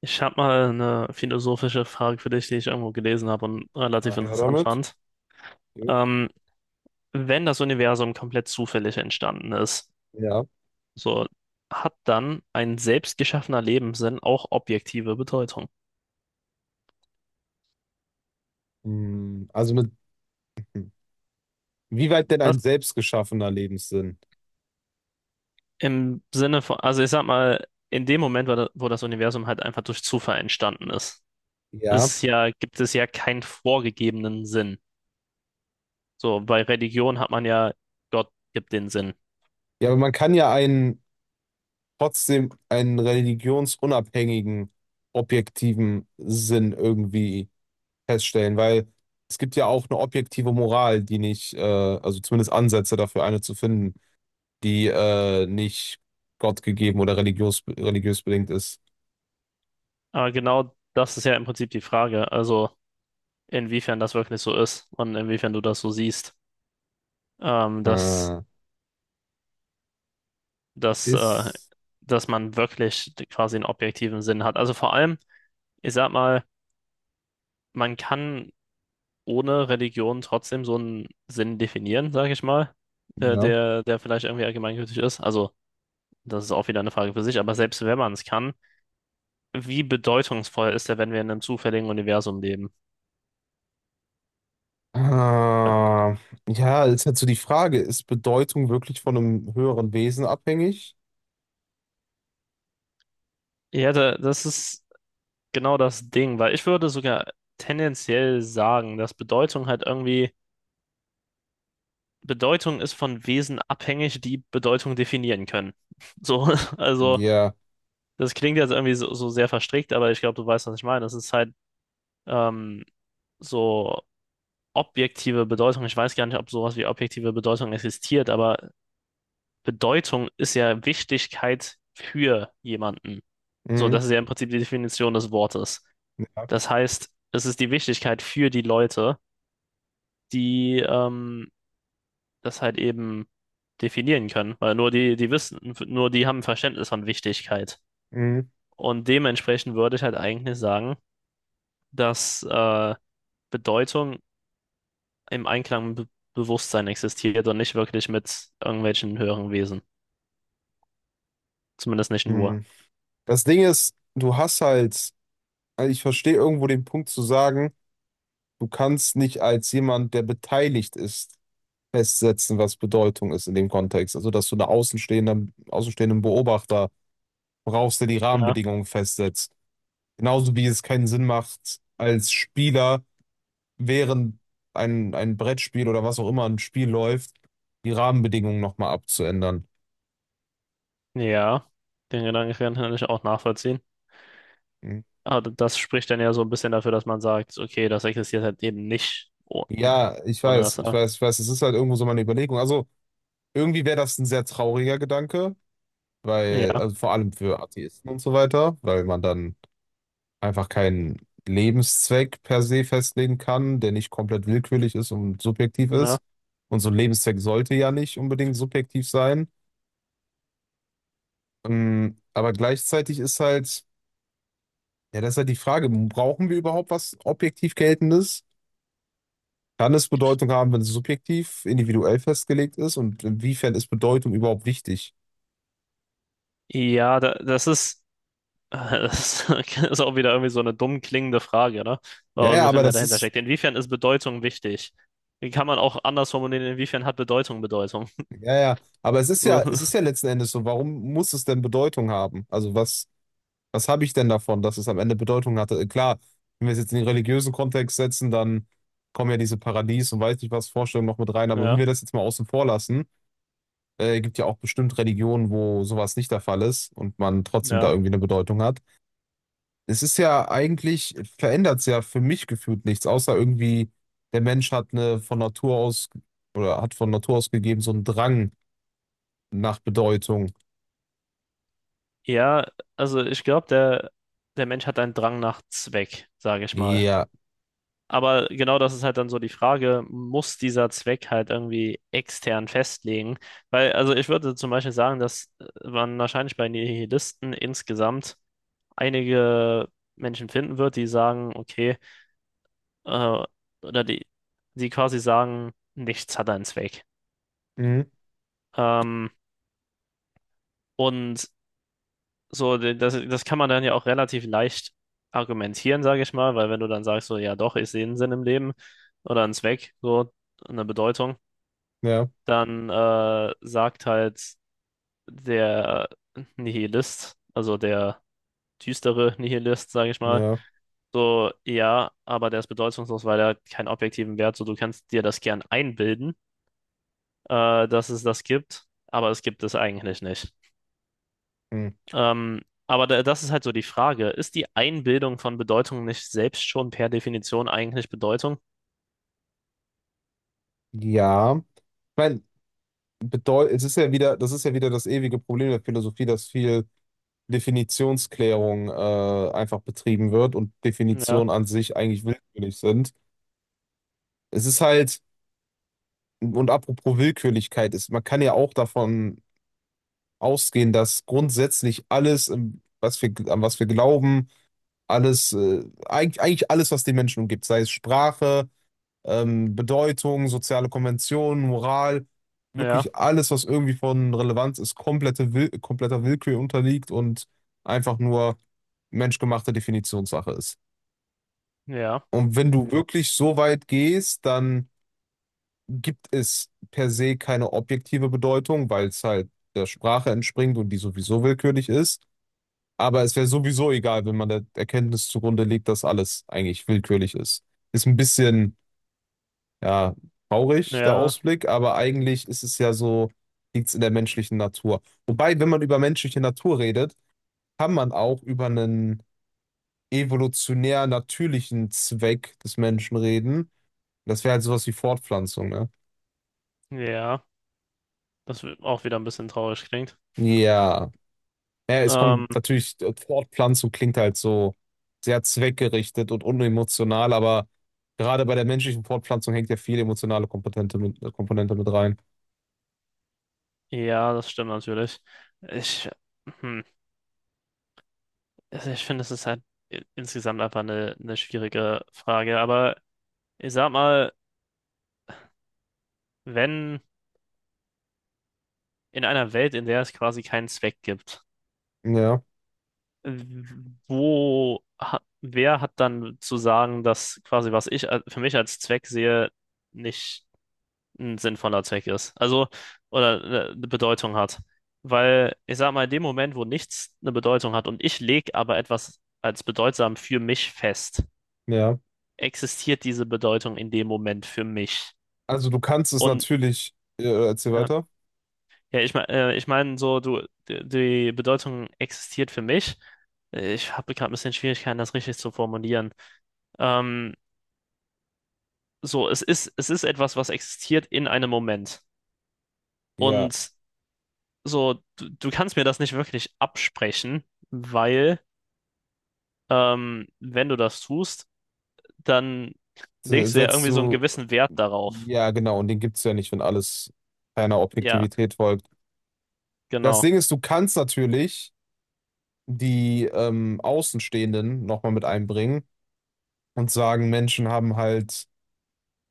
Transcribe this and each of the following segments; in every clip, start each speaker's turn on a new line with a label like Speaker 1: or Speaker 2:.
Speaker 1: Ich habe mal eine philosophische Frage für dich, die ich irgendwo gelesen habe und
Speaker 2: Na
Speaker 1: relativ
Speaker 2: her
Speaker 1: interessant
Speaker 2: damit.
Speaker 1: fand.
Speaker 2: Jo.
Speaker 1: Ähm, Wenn das Universum komplett zufällig entstanden ist,
Speaker 2: Ja.
Speaker 1: so hat dann ein selbst geschaffener Lebenssinn auch objektive Bedeutung?
Speaker 2: Hm, wie weit denn ein
Speaker 1: Was?
Speaker 2: selbstgeschaffener Lebenssinn?
Speaker 1: Im Sinne von, also ich sag mal, in dem Moment, wo das Universum halt einfach durch Zufall entstanden ist,
Speaker 2: Ja.
Speaker 1: ist ja, gibt es ja keinen vorgegebenen Sinn. So, bei Religion hat man ja, Gott gibt den Sinn.
Speaker 2: Ja, aber man kann ja einen trotzdem einen religionsunabhängigen, objektiven Sinn irgendwie feststellen, weil es gibt ja auch eine objektive Moral, die nicht, also zumindest Ansätze dafür, eine zu finden, die nicht gottgegeben oder religiös bedingt ist.
Speaker 1: Aber genau das ist ja im Prinzip die Frage. Also inwiefern das wirklich so ist und inwiefern du das so siehst, ähm, dass,
Speaker 2: Äh,
Speaker 1: dass, äh,
Speaker 2: ist,
Speaker 1: dass man wirklich quasi einen objektiven Sinn hat. Also vor allem, ich sag mal, man kann ohne Religion trotzdem so einen Sinn definieren, sag ich mal,
Speaker 2: ja.
Speaker 1: der vielleicht irgendwie allgemeingültig ist. Also das ist auch wieder eine Frage für sich, aber selbst wenn man es kann, wie bedeutungsvoll ist der, wenn wir in einem zufälligen Universum leben?
Speaker 2: Ah, ja, ist halt so die Frage, ist Bedeutung wirklich von einem höheren Wesen abhängig?
Speaker 1: Ja, da, das ist genau das Ding, weil ich würde sogar tendenziell sagen, dass Bedeutung halt irgendwie Bedeutung ist von Wesen abhängig, die Bedeutung definieren können. So, also
Speaker 2: Ja.
Speaker 1: das klingt jetzt irgendwie so, so sehr verstrickt, aber ich glaube, du weißt, was ich meine. Das ist halt ähm, so objektive Bedeutung. Ich weiß gar nicht, ob sowas wie objektive Bedeutung existiert, aber Bedeutung ist ja Wichtigkeit für jemanden. So,
Speaker 2: Mhm.
Speaker 1: das ist ja im Prinzip die Definition des Wortes.
Speaker 2: Ja.
Speaker 1: Das heißt, es ist die Wichtigkeit für die Leute, die das halt eben definieren können, weil nur die, die wissen, nur die haben ein Verständnis von Wichtigkeit.
Speaker 2: Mhm.
Speaker 1: Und dementsprechend würde ich halt eigentlich sagen, dass Bedeutung im Einklang mit Be Bewusstsein existiert und nicht wirklich mit irgendwelchen höheren Wesen. Zumindest nicht nur.
Speaker 2: Mhm. Das Ding ist, du hast halt, also ich verstehe irgendwo den Punkt zu sagen, du kannst nicht als jemand, der beteiligt ist, festsetzen, was Bedeutung ist in dem Kontext. Also, dass du einen außenstehenden Beobachter brauchst, der die
Speaker 1: Ja,
Speaker 2: Rahmenbedingungen festsetzt. Genauso wie es keinen Sinn macht, als Spieler während ein Brettspiel oder was auch immer ein Spiel läuft, die Rahmenbedingungen nochmal abzuändern.
Speaker 1: ja, den Gedanken kann ich auch nachvollziehen.
Speaker 2: Mhm.
Speaker 1: Aber das spricht dann ja so ein bisschen dafür, dass man sagt, okay, das existiert halt eben nicht oh-
Speaker 2: Ja,
Speaker 1: ohne das.
Speaker 2: ich weiß, es ist halt irgendwo so meine Überlegung. Also irgendwie wäre das ein sehr trauriger Gedanke, weil,
Speaker 1: Ja,
Speaker 2: also vor allem für Atheisten und so weiter, weil man dann einfach keinen Lebenszweck per se festlegen kann, der nicht komplett willkürlich ist und subjektiv
Speaker 1: ja.
Speaker 2: ist. Und so ein Lebenszweck sollte ja nicht unbedingt subjektiv sein. Aber gleichzeitig ist halt. Ja, das ist halt die Frage. Brauchen wir überhaupt was objektiv Geltendes? Kann es Bedeutung haben, wenn es subjektiv, individuell festgelegt ist? Und inwiefern ist Bedeutung überhaupt wichtig?
Speaker 1: Ja, da, das ist. Das ist auch wieder irgendwie so eine dumm klingende Frage, ne?
Speaker 2: Ja,
Speaker 1: Aber
Speaker 2: ja,
Speaker 1: so viel
Speaker 2: aber
Speaker 1: mehr
Speaker 2: das
Speaker 1: dahinter
Speaker 2: ist,
Speaker 1: steckt. Inwiefern ist Bedeutung wichtig? Wie kann man auch anders formulieren, inwiefern hat Bedeutung Bedeutung?
Speaker 2: ja, aber
Speaker 1: So,
Speaker 2: es ist ja letzten Endes so, warum muss es denn Bedeutung haben? Was habe ich denn davon, dass es am Ende Bedeutung hatte? Klar, wenn wir es jetzt in den religiösen Kontext setzen, dann kommen ja diese Paradies und weiß nicht was Vorstellungen noch mit rein. Aber wenn
Speaker 1: ja,
Speaker 2: wir das jetzt mal außen vor lassen, gibt ja auch bestimmt Religionen, wo sowas nicht der Fall ist und man trotzdem da
Speaker 1: ja.
Speaker 2: irgendwie eine Bedeutung hat. Es ist ja eigentlich, verändert es ja für mich gefühlt nichts, außer irgendwie, der Mensch hat eine von Natur aus oder hat von Natur aus gegeben so einen Drang nach Bedeutung.
Speaker 1: Ja, also ich glaube, der Mensch hat einen Drang nach Zweck, sage ich mal.
Speaker 2: Ja,
Speaker 1: Aber genau das ist halt dann so die Frage, muss dieser Zweck halt irgendwie extern festlegen? Weil, also ich würde zum Beispiel sagen, dass man wahrscheinlich bei Nihilisten insgesamt einige Menschen finden wird, die sagen, okay, äh, oder die quasi sagen, nichts hat einen Zweck.
Speaker 2: mhm.
Speaker 1: Ähm, und so, das kann man dann ja auch relativ leicht argumentieren, sage ich mal, weil wenn du dann sagst, so, ja doch, ich sehe einen Sinn im Leben oder einen Zweck, so eine Bedeutung,
Speaker 2: Ja,
Speaker 1: dann sagt halt der Nihilist, also der düstere Nihilist, sage ich mal.
Speaker 2: ja,
Speaker 1: So, ja, aber der ist bedeutungslos, weil er hat keinen objektiven Wert. So, du kannst dir das gern einbilden, dass es das gibt, aber es gibt es eigentlich nicht.
Speaker 2: mhm.
Speaker 1: Ähm, aber da, das ist halt so die Frage. Ist die Einbildung von Bedeutung nicht selbst schon per Definition eigentlich Bedeutung?
Speaker 2: Ja. Ich meine, es ist ja wieder, das ist ja wieder das ewige Problem der Philosophie, dass viel Definitionsklärung einfach betrieben wird und
Speaker 1: Ja,
Speaker 2: Definitionen an sich eigentlich willkürlich sind. Es ist halt, und apropos Willkürlichkeit ist, man kann ja auch davon ausgehen, dass grundsätzlich alles, an was wir glauben, alles, eigentlich alles, was den Menschen umgibt, sei es Sprache, Bedeutung, soziale Konventionen, Moral,
Speaker 1: ja,
Speaker 2: wirklich alles, was irgendwie von Relevanz ist, kompletter Willkür unterliegt und einfach nur menschgemachte Definitionssache ist.
Speaker 1: ja,
Speaker 2: Und wenn du wirklich so weit gehst, dann gibt es per se keine objektive Bedeutung, weil es halt der Sprache entspringt und die sowieso willkürlich ist. Aber es wäre sowieso egal, wenn man der Erkenntnis zugrunde legt, dass alles eigentlich willkürlich ist. Ist ein bisschen, ja, traurig, der
Speaker 1: ja,
Speaker 2: Ausblick, aber eigentlich ist es ja so, liegt es in der menschlichen Natur. Wobei, wenn man über menschliche Natur redet, kann man auch über einen evolutionär natürlichen Zweck des Menschen reden. Das wäre halt sowas wie Fortpflanzung, ne?
Speaker 1: ja. Auch wieder ein bisschen traurig klingt.
Speaker 2: Ja. Naja, es
Speaker 1: Ähm,
Speaker 2: kommt natürlich, Fortpflanzung klingt halt so sehr zweckgerichtet und unemotional, aber gerade bei der menschlichen Fortpflanzung hängt ja viel emotionale Komponente mit, Komponente mit rein.
Speaker 1: ja, das stimmt natürlich. Ich, hm, also ich finde, es ist halt insgesamt einfach eine schwierige Frage, aber ich sag mal, wenn in einer Welt, in der es quasi keinen Zweck gibt,
Speaker 2: Ja,
Speaker 1: wer hat dann zu sagen, dass quasi, was ich für mich als Zweck sehe, nicht ein sinnvoller Zweck ist? Also, oder eine Bedeutung hat. Weil ich sag mal, in dem Moment, wo nichts eine Bedeutung hat und ich lege aber etwas als bedeutsam für mich fest,
Speaker 2: ja.
Speaker 1: existiert diese Bedeutung in dem Moment für mich.
Speaker 2: Also du kannst es
Speaker 1: Und
Speaker 2: natürlich, erzähl
Speaker 1: ja.
Speaker 2: weiter.
Speaker 1: Ja, ich meine so, du, die Bedeutung existiert für mich. Ich habe gerade ein bisschen Schwierigkeiten, das richtig zu formulieren. Ähm, so, es ist etwas, was existiert in einem Moment.
Speaker 2: Ja,
Speaker 1: Und so, du kannst mir das nicht wirklich absprechen, weil, wenn du das tust, dann legst du ja
Speaker 2: setzt
Speaker 1: irgendwie so einen
Speaker 2: du,
Speaker 1: gewissen Wert darauf.
Speaker 2: ja genau, und den gibt es ja nicht, wenn alles einer
Speaker 1: Ja,
Speaker 2: Objektivität folgt. Das
Speaker 1: genau.
Speaker 2: Ding ist, du kannst natürlich die Außenstehenden nochmal mit einbringen und sagen, Menschen haben halt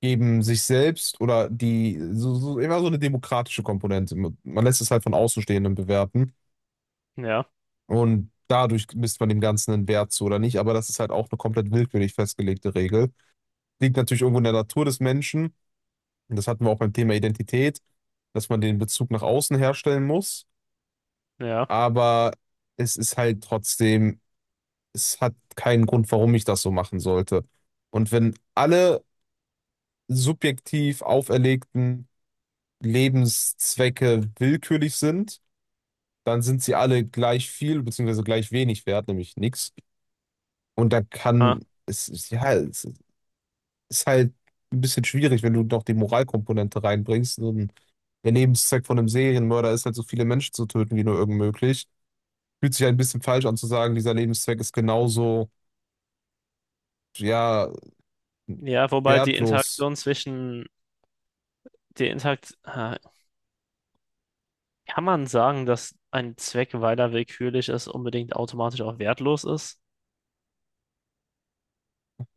Speaker 2: eben sich selbst oder die, so, immer so eine demokratische Komponente. Man lässt es halt von Außenstehenden bewerten
Speaker 1: Ja,
Speaker 2: und dadurch misst man dem Ganzen einen Wert zu oder nicht, aber das ist halt auch eine komplett willkürlich festgelegte Regel. Liegt natürlich irgendwo in der Natur des Menschen, und das hatten wir auch beim Thema Identität, dass man den Bezug nach außen herstellen muss,
Speaker 1: ja.
Speaker 2: aber es ist halt trotzdem, es hat keinen Grund, warum ich das so machen sollte. Und wenn alle subjektiv auferlegten Lebenszwecke willkürlich sind, dann sind sie alle gleich viel beziehungsweise gleich wenig wert, nämlich nichts. Und da
Speaker 1: Ah.
Speaker 2: ja, es ist halt ein bisschen schwierig, wenn du noch die Moralkomponente reinbringst. Und der Lebenszweck von einem Serienmörder ist halt, so viele Menschen zu töten wie nur irgend möglich. Fühlt sich halt ein bisschen falsch an zu sagen, dieser Lebenszweck ist genauso, ja,
Speaker 1: Ja, wobei die
Speaker 2: wertlos.
Speaker 1: Interaktion zwischen, die Interakt, ah, kann man sagen, dass ein Zweck, weil er willkürlich ist, unbedingt automatisch auch wertlos ist?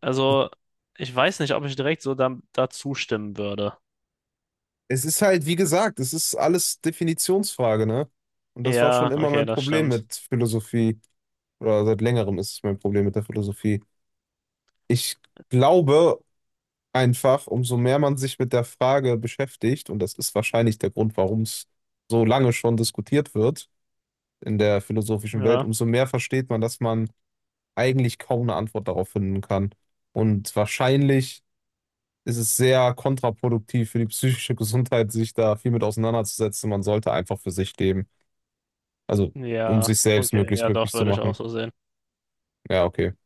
Speaker 1: Also, ich weiß nicht, ob ich direkt so dazu stimmen würde.
Speaker 2: Es ist halt, wie gesagt, es ist alles Definitionsfrage, ne? Und das war schon
Speaker 1: Ja,
Speaker 2: immer
Speaker 1: okay,
Speaker 2: mein
Speaker 1: das
Speaker 2: Problem
Speaker 1: stimmt.
Speaker 2: mit Philosophie. Oder seit längerem ist es mein Problem mit der Philosophie. Ich glaube einfach, umso mehr man sich mit der Frage beschäftigt, und das ist wahrscheinlich der Grund, warum es so lange schon diskutiert wird in der philosophischen Welt,
Speaker 1: Ja,
Speaker 2: umso mehr versteht man, dass man eigentlich kaum eine Antwort darauf finden kann. Und wahrscheinlich ist es sehr kontraproduktiv für die psychische Gesundheit, sich da viel mit auseinanderzusetzen. Man sollte einfach für sich leben. Also, um
Speaker 1: ja,
Speaker 2: sich selbst
Speaker 1: okay,
Speaker 2: möglichst
Speaker 1: ja, doch,
Speaker 2: glücklich zu
Speaker 1: würde ich auch
Speaker 2: machen.
Speaker 1: so sehen.
Speaker 2: Ja, okay.